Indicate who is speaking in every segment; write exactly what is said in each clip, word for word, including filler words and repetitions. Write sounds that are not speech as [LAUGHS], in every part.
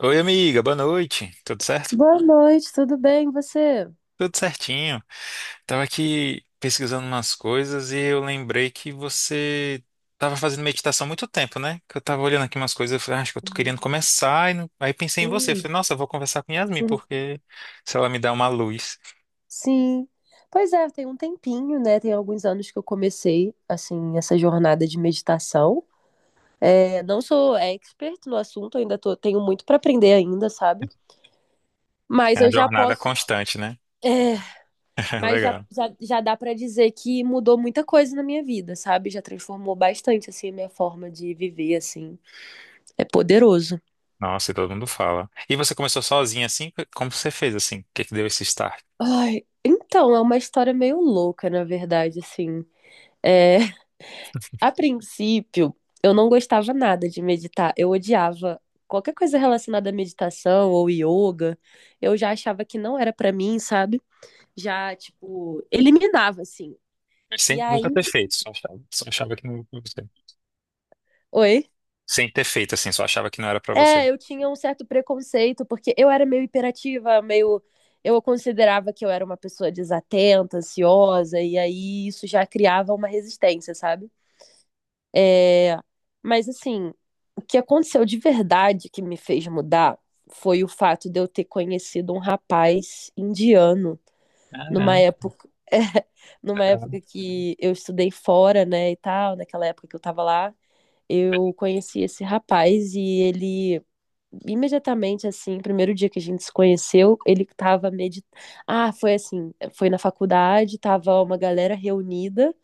Speaker 1: Oi, amiga, boa noite. Tudo certo?
Speaker 2: Boa noite, tudo bem, e você?
Speaker 1: Tudo certinho. Tava aqui pesquisando umas coisas e eu lembrei que você tava fazendo meditação há muito tempo, né? Que eu tava olhando aqui umas coisas, eu falei, "Ah, acho que eu tô
Speaker 2: Uhum.
Speaker 1: querendo começar. E não- Aí pensei em você.
Speaker 2: Hum,
Speaker 1: Falei, nossa, eu vou conversar com Yasmin,
Speaker 2: uhum.
Speaker 1: porque se ela me dá uma luz.
Speaker 2: Sim. Pois é, tem um tempinho, né? Tem alguns anos que eu comecei, assim, essa jornada de meditação. É, não sou expert no assunto, ainda tô- tenho muito para aprender ainda, sabe?
Speaker 1: É
Speaker 2: Mas
Speaker 1: uma
Speaker 2: eu já
Speaker 1: jornada
Speaker 2: posso,
Speaker 1: constante, né?
Speaker 2: é,
Speaker 1: [LAUGHS]
Speaker 2: mas já,
Speaker 1: Legal.
Speaker 2: já, já dá para dizer que mudou muita coisa na minha vida, sabe? Já transformou bastante, assim, a minha forma de viver, assim. É poderoso.
Speaker 1: Nossa, e todo mundo fala. E você começou sozinha assim? Como você fez assim? O que que deu esse start?
Speaker 2: Ai, então, é uma história meio louca, na verdade, assim. É, A princípio, eu não gostava nada de meditar. Eu odiava qualquer coisa relacionada à meditação ou yoga. Eu já achava que não era pra mim, sabe? Já, tipo, eliminava, assim. E
Speaker 1: Sem nunca
Speaker 2: aí.
Speaker 1: ter feito, só achava, só achava que não.
Speaker 2: Oi?
Speaker 1: Sem ter feito assim, só achava que não era pra você.
Speaker 2: É, eu tinha um certo preconceito, porque eu era meio hiperativa, meio. Eu considerava que eu era uma pessoa desatenta, ansiosa, e aí isso já criava uma resistência, sabe? É, mas assim, o que aconteceu de verdade que me fez mudar foi o fato de eu ter conhecido um rapaz indiano numa
Speaker 1: Caramba,
Speaker 2: época, [LAUGHS] é, numa época
Speaker 1: legal.
Speaker 2: que eu estudei fora, né, e tal, naquela época que eu tava lá, eu conheci esse rapaz e ele imediatamente, assim, primeiro dia que a gente se conheceu, ele tava meditando. Ah, foi assim, foi na faculdade, tava uma galera reunida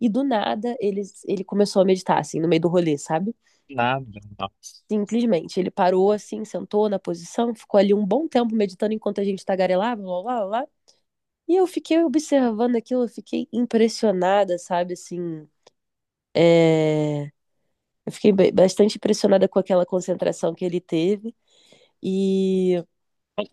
Speaker 2: e do nada ele, ele começou a meditar, assim, no meio do rolê, sabe?
Speaker 1: Nada, nossa.
Speaker 2: Simplesmente, ele parou assim, sentou na posição, ficou ali um bom tempo meditando enquanto a gente tagarelava, blá, blá, blá. E eu fiquei observando aquilo, eu fiquei impressionada, sabe, assim, é... Eu fiquei ba- bastante impressionada com aquela concentração que ele teve. E,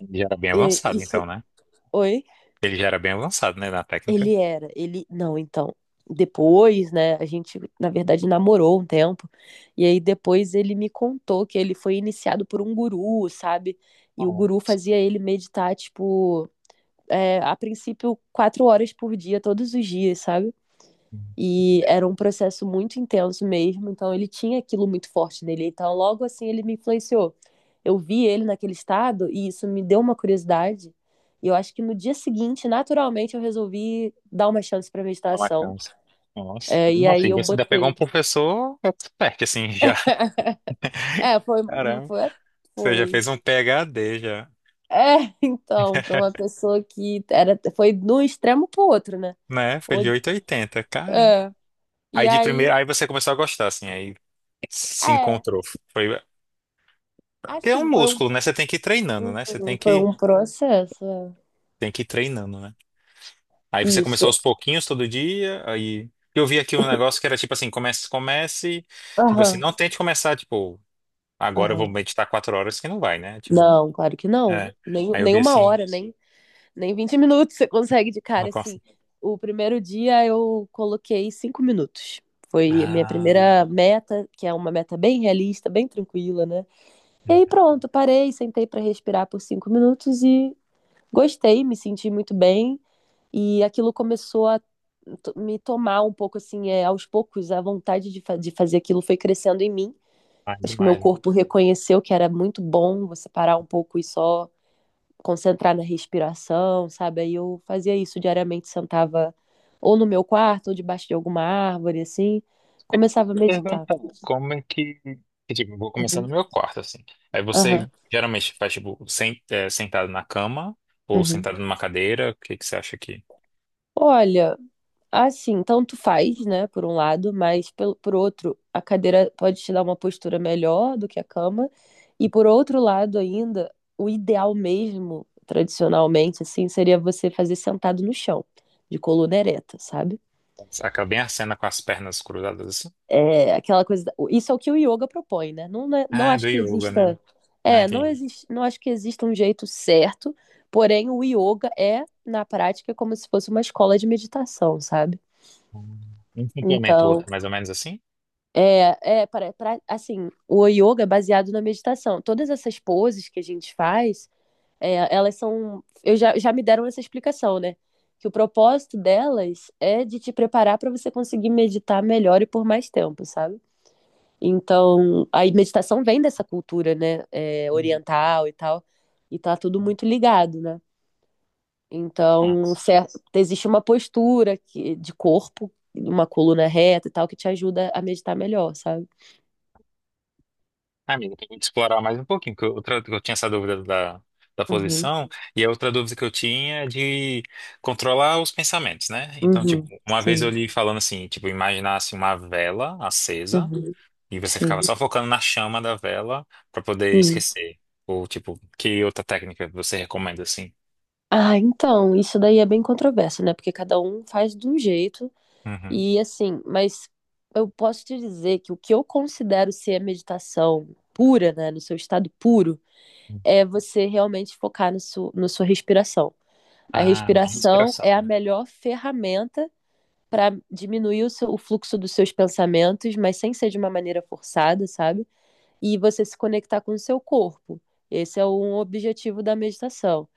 Speaker 1: Ele já era bem
Speaker 2: e
Speaker 1: avançado, então,
Speaker 2: isso.
Speaker 1: né?
Speaker 2: Oi?
Speaker 1: Ele já era bem avançado, né, na técnica.
Speaker 2: Ele era, ele. Não, então. Depois, né, a gente, na verdade, namorou um tempo. E aí depois ele me contou que ele foi iniciado por um guru, sabe? E o
Speaker 1: Oh,
Speaker 2: guru fazia ele meditar, tipo, é, a princípio, quatro horas por dia, todos os dias, sabe? E era um processo muito intenso mesmo, então ele tinha aquilo muito forte nele. Então, logo assim, ele me influenciou. Eu vi ele naquele estado e isso me deu uma curiosidade. E eu acho que no dia seguinte, naturalmente, eu resolvi dar uma chance para
Speaker 1: na
Speaker 2: meditação.
Speaker 1: Mackenzie. Nossa,
Speaker 2: É, e
Speaker 1: nossa,
Speaker 2: aí
Speaker 1: e
Speaker 2: eu
Speaker 1: você ainda pegou um
Speaker 2: botei.
Speaker 1: professor expert, assim, já.
Speaker 2: [LAUGHS] É, foi, não
Speaker 1: Caramba,
Speaker 2: foi,
Speaker 1: você já
Speaker 2: foi.
Speaker 1: fez um PhD, já,
Speaker 2: É, [LAUGHS] então, para uma pessoa que era, foi de um extremo pro outro, né?
Speaker 1: né? Foi
Speaker 2: Ou-
Speaker 1: de oitocentos e oitenta, caramba.
Speaker 2: É,
Speaker 1: Aí
Speaker 2: e
Speaker 1: de
Speaker 2: aí,
Speaker 1: primeira, aí você começou a gostar, assim, aí se
Speaker 2: é,
Speaker 1: encontrou. Foi, porque é um
Speaker 2: assim, foi um,
Speaker 1: músculo, né? Você tem que ir treinando,
Speaker 2: um-
Speaker 1: né? Você tem
Speaker 2: um, foi
Speaker 1: que,
Speaker 2: um processo. É.
Speaker 1: tem que ir treinando, né? Aí você começou aos
Speaker 2: Isso.
Speaker 1: pouquinhos todo dia, aí eu vi aqui um negócio que era tipo assim, comece, comece, tipo assim,
Speaker 2: Aham,
Speaker 1: não tente começar, tipo, agora eu vou
Speaker 2: aham.
Speaker 1: meditar quatro horas que não vai, né? Tipo,
Speaker 2: Não, claro que não.
Speaker 1: é.
Speaker 2: Nem,
Speaker 1: Aí eu
Speaker 2: nem
Speaker 1: vi
Speaker 2: uma
Speaker 1: assim,
Speaker 2: hora, nem, nem vinte minutos você consegue de
Speaker 1: não
Speaker 2: cara, assim.
Speaker 1: consigo.
Speaker 2: O primeiro dia eu coloquei cinco minutos. Foi a minha
Speaker 1: Ah,
Speaker 2: primeira meta, que é uma meta bem realista, bem tranquila, né? E aí pronto, parei, sentei para respirar por cinco minutos e gostei, me senti muito bem. E aquilo começou a to- me tomar um pouco, assim, é, aos poucos, a vontade de, fa- de fazer aquilo foi crescendo em mim.
Speaker 1: mais
Speaker 2: Acho que meu
Speaker 1: demais.
Speaker 2: corpo reconheceu que era muito bom você parar um pouco e só concentrar na respiração, sabe? Aí eu fazia isso diariamente, sentava ou no meu quarto ou debaixo de alguma árvore, assim,
Speaker 1: Eu
Speaker 2: começava a
Speaker 1: queria
Speaker 2: meditar.
Speaker 1: perguntar como é que, que, tipo, eu vou começar no
Speaker 2: Uhum.
Speaker 1: meu quarto, assim. Aí
Speaker 2: Aham.
Speaker 1: você geralmente faz, tipo, sen- é, sentado na cama ou
Speaker 2: Uhum.
Speaker 1: sentado numa cadeira, o que que você acha que
Speaker 2: Olha, assim, tanto faz, né, por um lado, mas pelo, por outro, a cadeira pode te dar uma postura melhor do que a cama. E por outro lado ainda, o ideal mesmo, tradicionalmente, assim, seria você fazer sentado no chão, de coluna ereta, sabe?
Speaker 1: acaba bem a cena com as pernas cruzadas assim?
Speaker 2: É aquela coisa. da- Isso é o que o yoga propõe, né? Não, não é- não
Speaker 1: Ah, do
Speaker 2: acho que
Speaker 1: yoga, né?
Speaker 2: exista.
Speaker 1: Não
Speaker 2: É, não
Speaker 1: entendi.
Speaker 2: existe, não acho que exista um jeito certo, porém o yoga é, na prática, como se fosse uma escola de meditação, sabe?
Speaker 1: Hum. Um complementa o
Speaker 2: Então.
Speaker 1: outro, mais ou menos assim?
Speaker 2: É, é para, para, assim, o yoga é baseado na meditação. Todas essas poses que a gente faz, é, elas são. Eu já, já me deram essa explicação, né? Que o propósito delas é de te preparar para você conseguir meditar melhor e por mais tempo, sabe? Então, a meditação vem dessa cultura, né? É,
Speaker 1: Uhum.
Speaker 2: oriental e tal. E tá tudo muito ligado, né? Então,
Speaker 1: Nossa.
Speaker 2: certo, existe uma postura que, de corpo, uma coluna reta e tal, que te ajuda a meditar melhor, sabe?
Speaker 1: Ah, amigo, tem que explorar mais um pouquinho, porque outra, eu tinha essa dúvida da, da
Speaker 2: Uhum.
Speaker 1: posição, e a outra dúvida que eu tinha é de controlar os pensamentos, né? Então, tipo,
Speaker 2: Uhum,
Speaker 1: uma vez eu
Speaker 2: sim,
Speaker 1: li falando assim, tipo, imaginasse uma vela acesa,
Speaker 2: uhum,
Speaker 1: e você ficava
Speaker 2: sim,
Speaker 1: só focando na chama da vela pra poder
Speaker 2: sim.
Speaker 1: esquecer. Ou, tipo, que outra técnica você recomenda, assim?
Speaker 2: Ah, então, isso daí é bem controverso, né? Porque cada um faz de um jeito
Speaker 1: Uhum.
Speaker 2: e assim, mas eu posso te dizer que o que eu considero ser a meditação pura, né, no seu estado puro, é você realmente focar no seu, na sua respiração. A
Speaker 1: Ah, minha
Speaker 2: respiração é a
Speaker 1: respiração.
Speaker 2: melhor ferramenta para diminuir o, seu, o fluxo dos seus pensamentos, mas sem ser de uma maneira forçada, sabe? E você se conectar com o seu corpo. Esse é um objetivo da meditação.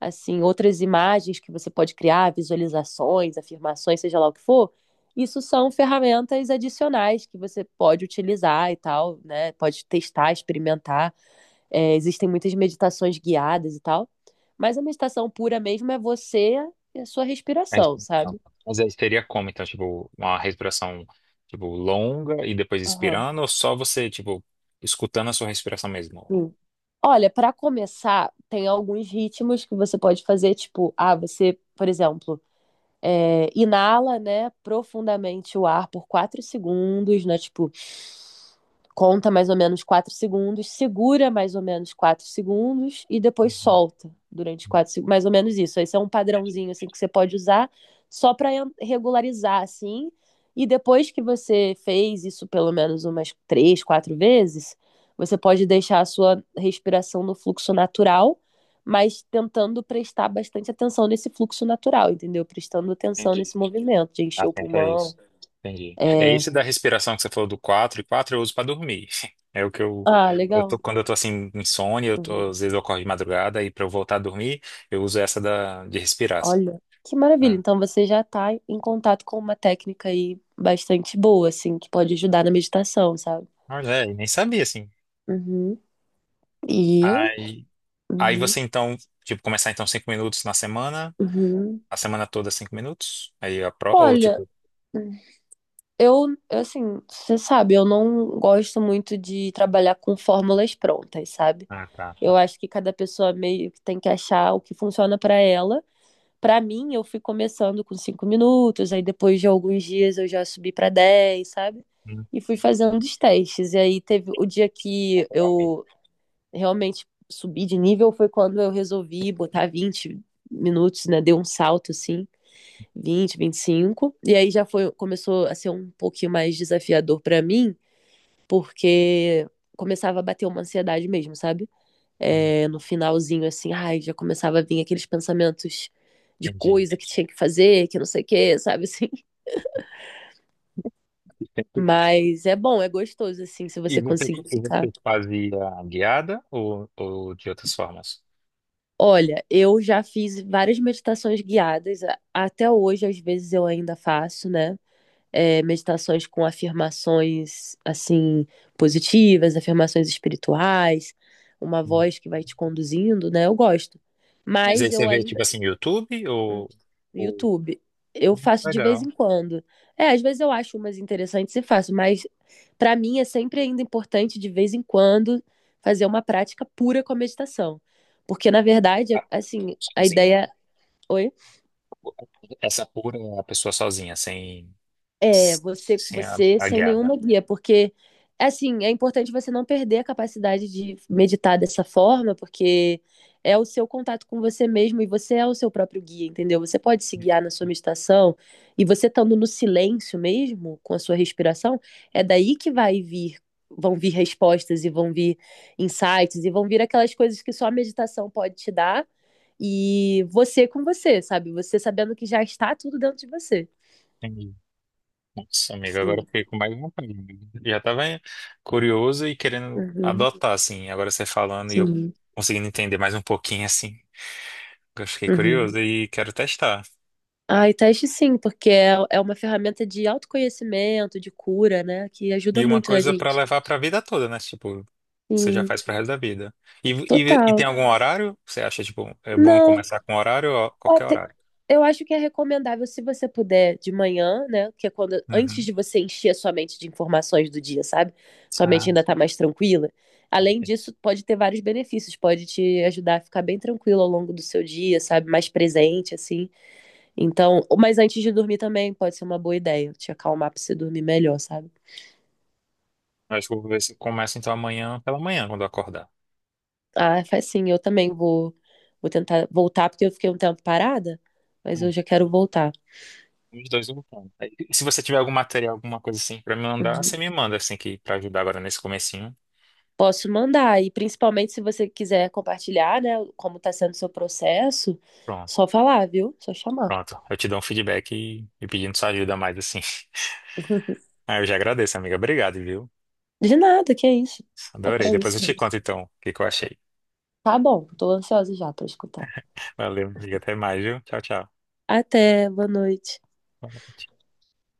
Speaker 2: Assim, outras imagens que você pode criar, visualizações, afirmações, seja lá o que for, isso são ferramentas adicionais que você pode utilizar e tal, né? Pode testar, experimentar. É, existem muitas meditações guiadas e tal. Mas a meditação pura mesmo é você e a sua
Speaker 1: A
Speaker 2: respiração,
Speaker 1: respiração.
Speaker 2: sabe?
Speaker 1: Mas aí seria como, então, tipo, uma respiração, tipo, longa e depois
Speaker 2: Aham.
Speaker 1: expirando, ou só você, tipo, escutando a sua respiração mesmo?
Speaker 2: Sim. Olha, para começar, tem alguns ritmos que você pode fazer, tipo, ah, você, por exemplo, é, inala, né, profundamente o ar por quatro segundos, né, tipo, conta mais ou menos quatro segundos, segura mais ou menos quatro segundos e depois
Speaker 1: Uhum.
Speaker 2: solta durante quatro segundos, mais ou menos isso. Esse é um
Speaker 1: Entendi,
Speaker 2: padrãozinho, assim, que você pode usar só para regularizar, assim, e depois que você fez isso pelo menos umas três, quatro vezes, você pode deixar a sua respiração no fluxo natural mas tentando prestar bastante atenção nesse fluxo natural, entendeu? Prestando atenção
Speaker 1: entendi.
Speaker 2: nesse movimento de encher o
Speaker 1: Atenta a
Speaker 2: pulmão.
Speaker 1: isso. Entendi. É
Speaker 2: É...
Speaker 1: esse da respiração que você falou do quatro e quatro eu uso pra dormir. [LAUGHS] É o que eu,
Speaker 2: Ah,
Speaker 1: eu tô-
Speaker 2: legal.
Speaker 1: Quando eu tô assim insônia, eu
Speaker 2: Uhum.
Speaker 1: tô, às vezes eu acordo de madrugada e pra eu voltar a dormir, eu uso essa da de respirar assim.
Speaker 2: Olha, que maravilha.
Speaker 1: É.
Speaker 2: Então você já está em contato com uma técnica aí bastante boa, assim, que pode ajudar na meditação, sabe?
Speaker 1: Olha, é, e nem sabia assim.
Speaker 2: Uhum. E.
Speaker 1: Aí, aí
Speaker 2: Uhum.
Speaker 1: você então, tipo, começar então cinco minutos na semana,
Speaker 2: Uhum.
Speaker 1: a semana toda cinco minutos. Aí a pro, ou
Speaker 2: Olha,
Speaker 1: tipo,
Speaker 2: eu, assim, você sabe, eu não gosto muito de trabalhar com fórmulas prontas, sabe?
Speaker 1: ah, tá,
Speaker 2: Eu
Speaker 1: tá.
Speaker 2: acho que cada pessoa meio que tem que achar o que funciona para ela. Para mim, eu fui começando com cinco minutos, aí depois de alguns dias eu já subi para dez, sabe?
Speaker 1: Hum,
Speaker 2: E fui fazendo os testes. E aí teve o dia que
Speaker 1: naturalmente.
Speaker 2: eu realmente subi de nível foi quando eu resolvi botar vinte minutos, né? Deu um salto assim, vinte, vinte e cinco. E aí já foi começou a ser um pouquinho mais desafiador para mim, porque começava a bater uma ansiedade mesmo, sabe?
Speaker 1: Hum,
Speaker 2: É, no finalzinho, assim, ai, já começava a vir aqueles pensamentos de
Speaker 1: Entendi.
Speaker 2: coisa que tinha que fazer, que não sei o quê, [LAUGHS] sabe assim? Mas é bom, é gostoso, assim, se
Speaker 1: E
Speaker 2: você
Speaker 1: você,
Speaker 2: conseguir
Speaker 1: e
Speaker 2: ficar.
Speaker 1: você fazia guiada ou, ou de outras formas?
Speaker 2: Olha, eu já fiz várias meditações guiadas, a- até hoje, às vezes eu ainda faço, né? É, meditações com afirmações, assim, positivas, afirmações espirituais, uma
Speaker 1: Hum.
Speaker 2: voz que vai te conduzindo, né? Eu gosto.
Speaker 1: Mas aí
Speaker 2: Mas
Speaker 1: você
Speaker 2: eu
Speaker 1: vê, tipo
Speaker 2: ainda
Speaker 1: assim, YouTube
Speaker 2: hum,
Speaker 1: ou...
Speaker 2: no
Speaker 1: ou...
Speaker 2: YouTube. Eu faço de vez
Speaker 1: Legal.
Speaker 2: em quando. É, às vezes eu acho umas interessantes e faço, mas para mim é sempre ainda importante de vez em quando fazer uma prática pura com a meditação. Porque na verdade,
Speaker 1: Ah,
Speaker 2: assim, a
Speaker 1: sozinho, né?
Speaker 2: ideia, oi.
Speaker 1: Essa pura, é a pessoa sozinha, sem,
Speaker 2: É, você com
Speaker 1: sem a,
Speaker 2: você
Speaker 1: a
Speaker 2: sem
Speaker 1: guiada.
Speaker 2: nenhuma guia, porque assim, é importante você não perder a capacidade de meditar dessa forma, porque é o seu contato com você mesmo e você é o seu próprio guia, entendeu? Você pode se guiar na sua meditação e você estando no silêncio mesmo, com a sua respiração, é daí que vai vir, vão vir respostas e vão vir insights e vão vir aquelas coisas que só a meditação pode te dar. E você com você, sabe? Você sabendo que já está tudo dentro de você.
Speaker 1: Entendi. Nossa, amigo, agora eu
Speaker 2: Sim.
Speaker 1: fiquei com mais vontade, né? Já tava curioso e querendo adotar, assim. Agora você falando e eu
Speaker 2: Sim.
Speaker 1: conseguindo entender mais um pouquinho, assim. Eu fiquei
Speaker 2: Uhum.
Speaker 1: curioso e quero testar.
Speaker 2: Ah, e teste sim, porque é, é uma ferramenta de autoconhecimento, de cura, né? Que ajuda
Speaker 1: E uma
Speaker 2: muito a
Speaker 1: coisa pra
Speaker 2: gente.
Speaker 1: levar pra vida toda, né? Tipo, você já
Speaker 2: Sim,
Speaker 1: faz pro resto da vida. E, e, e tem
Speaker 2: total.
Speaker 1: algum horário? Você acha, tipo, é bom
Speaker 2: Não,
Speaker 1: começar com horário ou
Speaker 2: ó,
Speaker 1: qualquer
Speaker 2: te-
Speaker 1: horário?
Speaker 2: eu acho que é recomendável se você puder de manhã, né? Que é quando, antes
Speaker 1: Uhum.
Speaker 2: de você encher a sua mente de informações do dia, sabe? Sua mente
Speaker 1: Ah,
Speaker 2: ainda tá mais tranquila. Além
Speaker 1: ok.
Speaker 2: disso, pode ter vários benefícios, pode te ajudar a ficar bem tranquilo ao longo do seu dia, sabe? Mais presente, assim. Então, mas antes de dormir também pode ser uma boa ideia, te acalmar pra você dormir melhor, sabe?
Speaker 1: Eu acho que eu vou ver se começa então amanhã pela manhã, quando eu acordar.
Speaker 2: Ah, faz sim, eu também vou, vou tentar voltar, porque eu fiquei um tempo parada, mas
Speaker 1: Hum,
Speaker 2: eu já quero voltar.
Speaker 1: Os dois lutando. Aí, se você tiver algum material, alguma coisa assim pra me mandar,
Speaker 2: Uhum.
Speaker 1: você me manda assim que para ajudar agora nesse comecinho.
Speaker 2: Posso mandar, e principalmente se você quiser compartilhar, né, como tá sendo o seu processo,
Speaker 1: Pronto.
Speaker 2: só falar, viu? Só chamar.
Speaker 1: Pronto. Eu te dou um feedback e, e pedindo sua ajuda mais assim. [LAUGHS]
Speaker 2: [LAUGHS]
Speaker 1: Ah, eu já agradeço, amiga. Obrigado, viu?
Speaker 2: De nada, que é isso. É pra
Speaker 1: Adorei. Depois eu
Speaker 2: isso
Speaker 1: te
Speaker 2: mesmo.
Speaker 1: conto então o que que eu achei.
Speaker 2: Tá bom, tô ansiosa já pra escutar.
Speaker 1: Valeu, amiga. Até mais, viu? Tchau, tchau.
Speaker 2: Até, boa noite.
Speaker 1: Fala.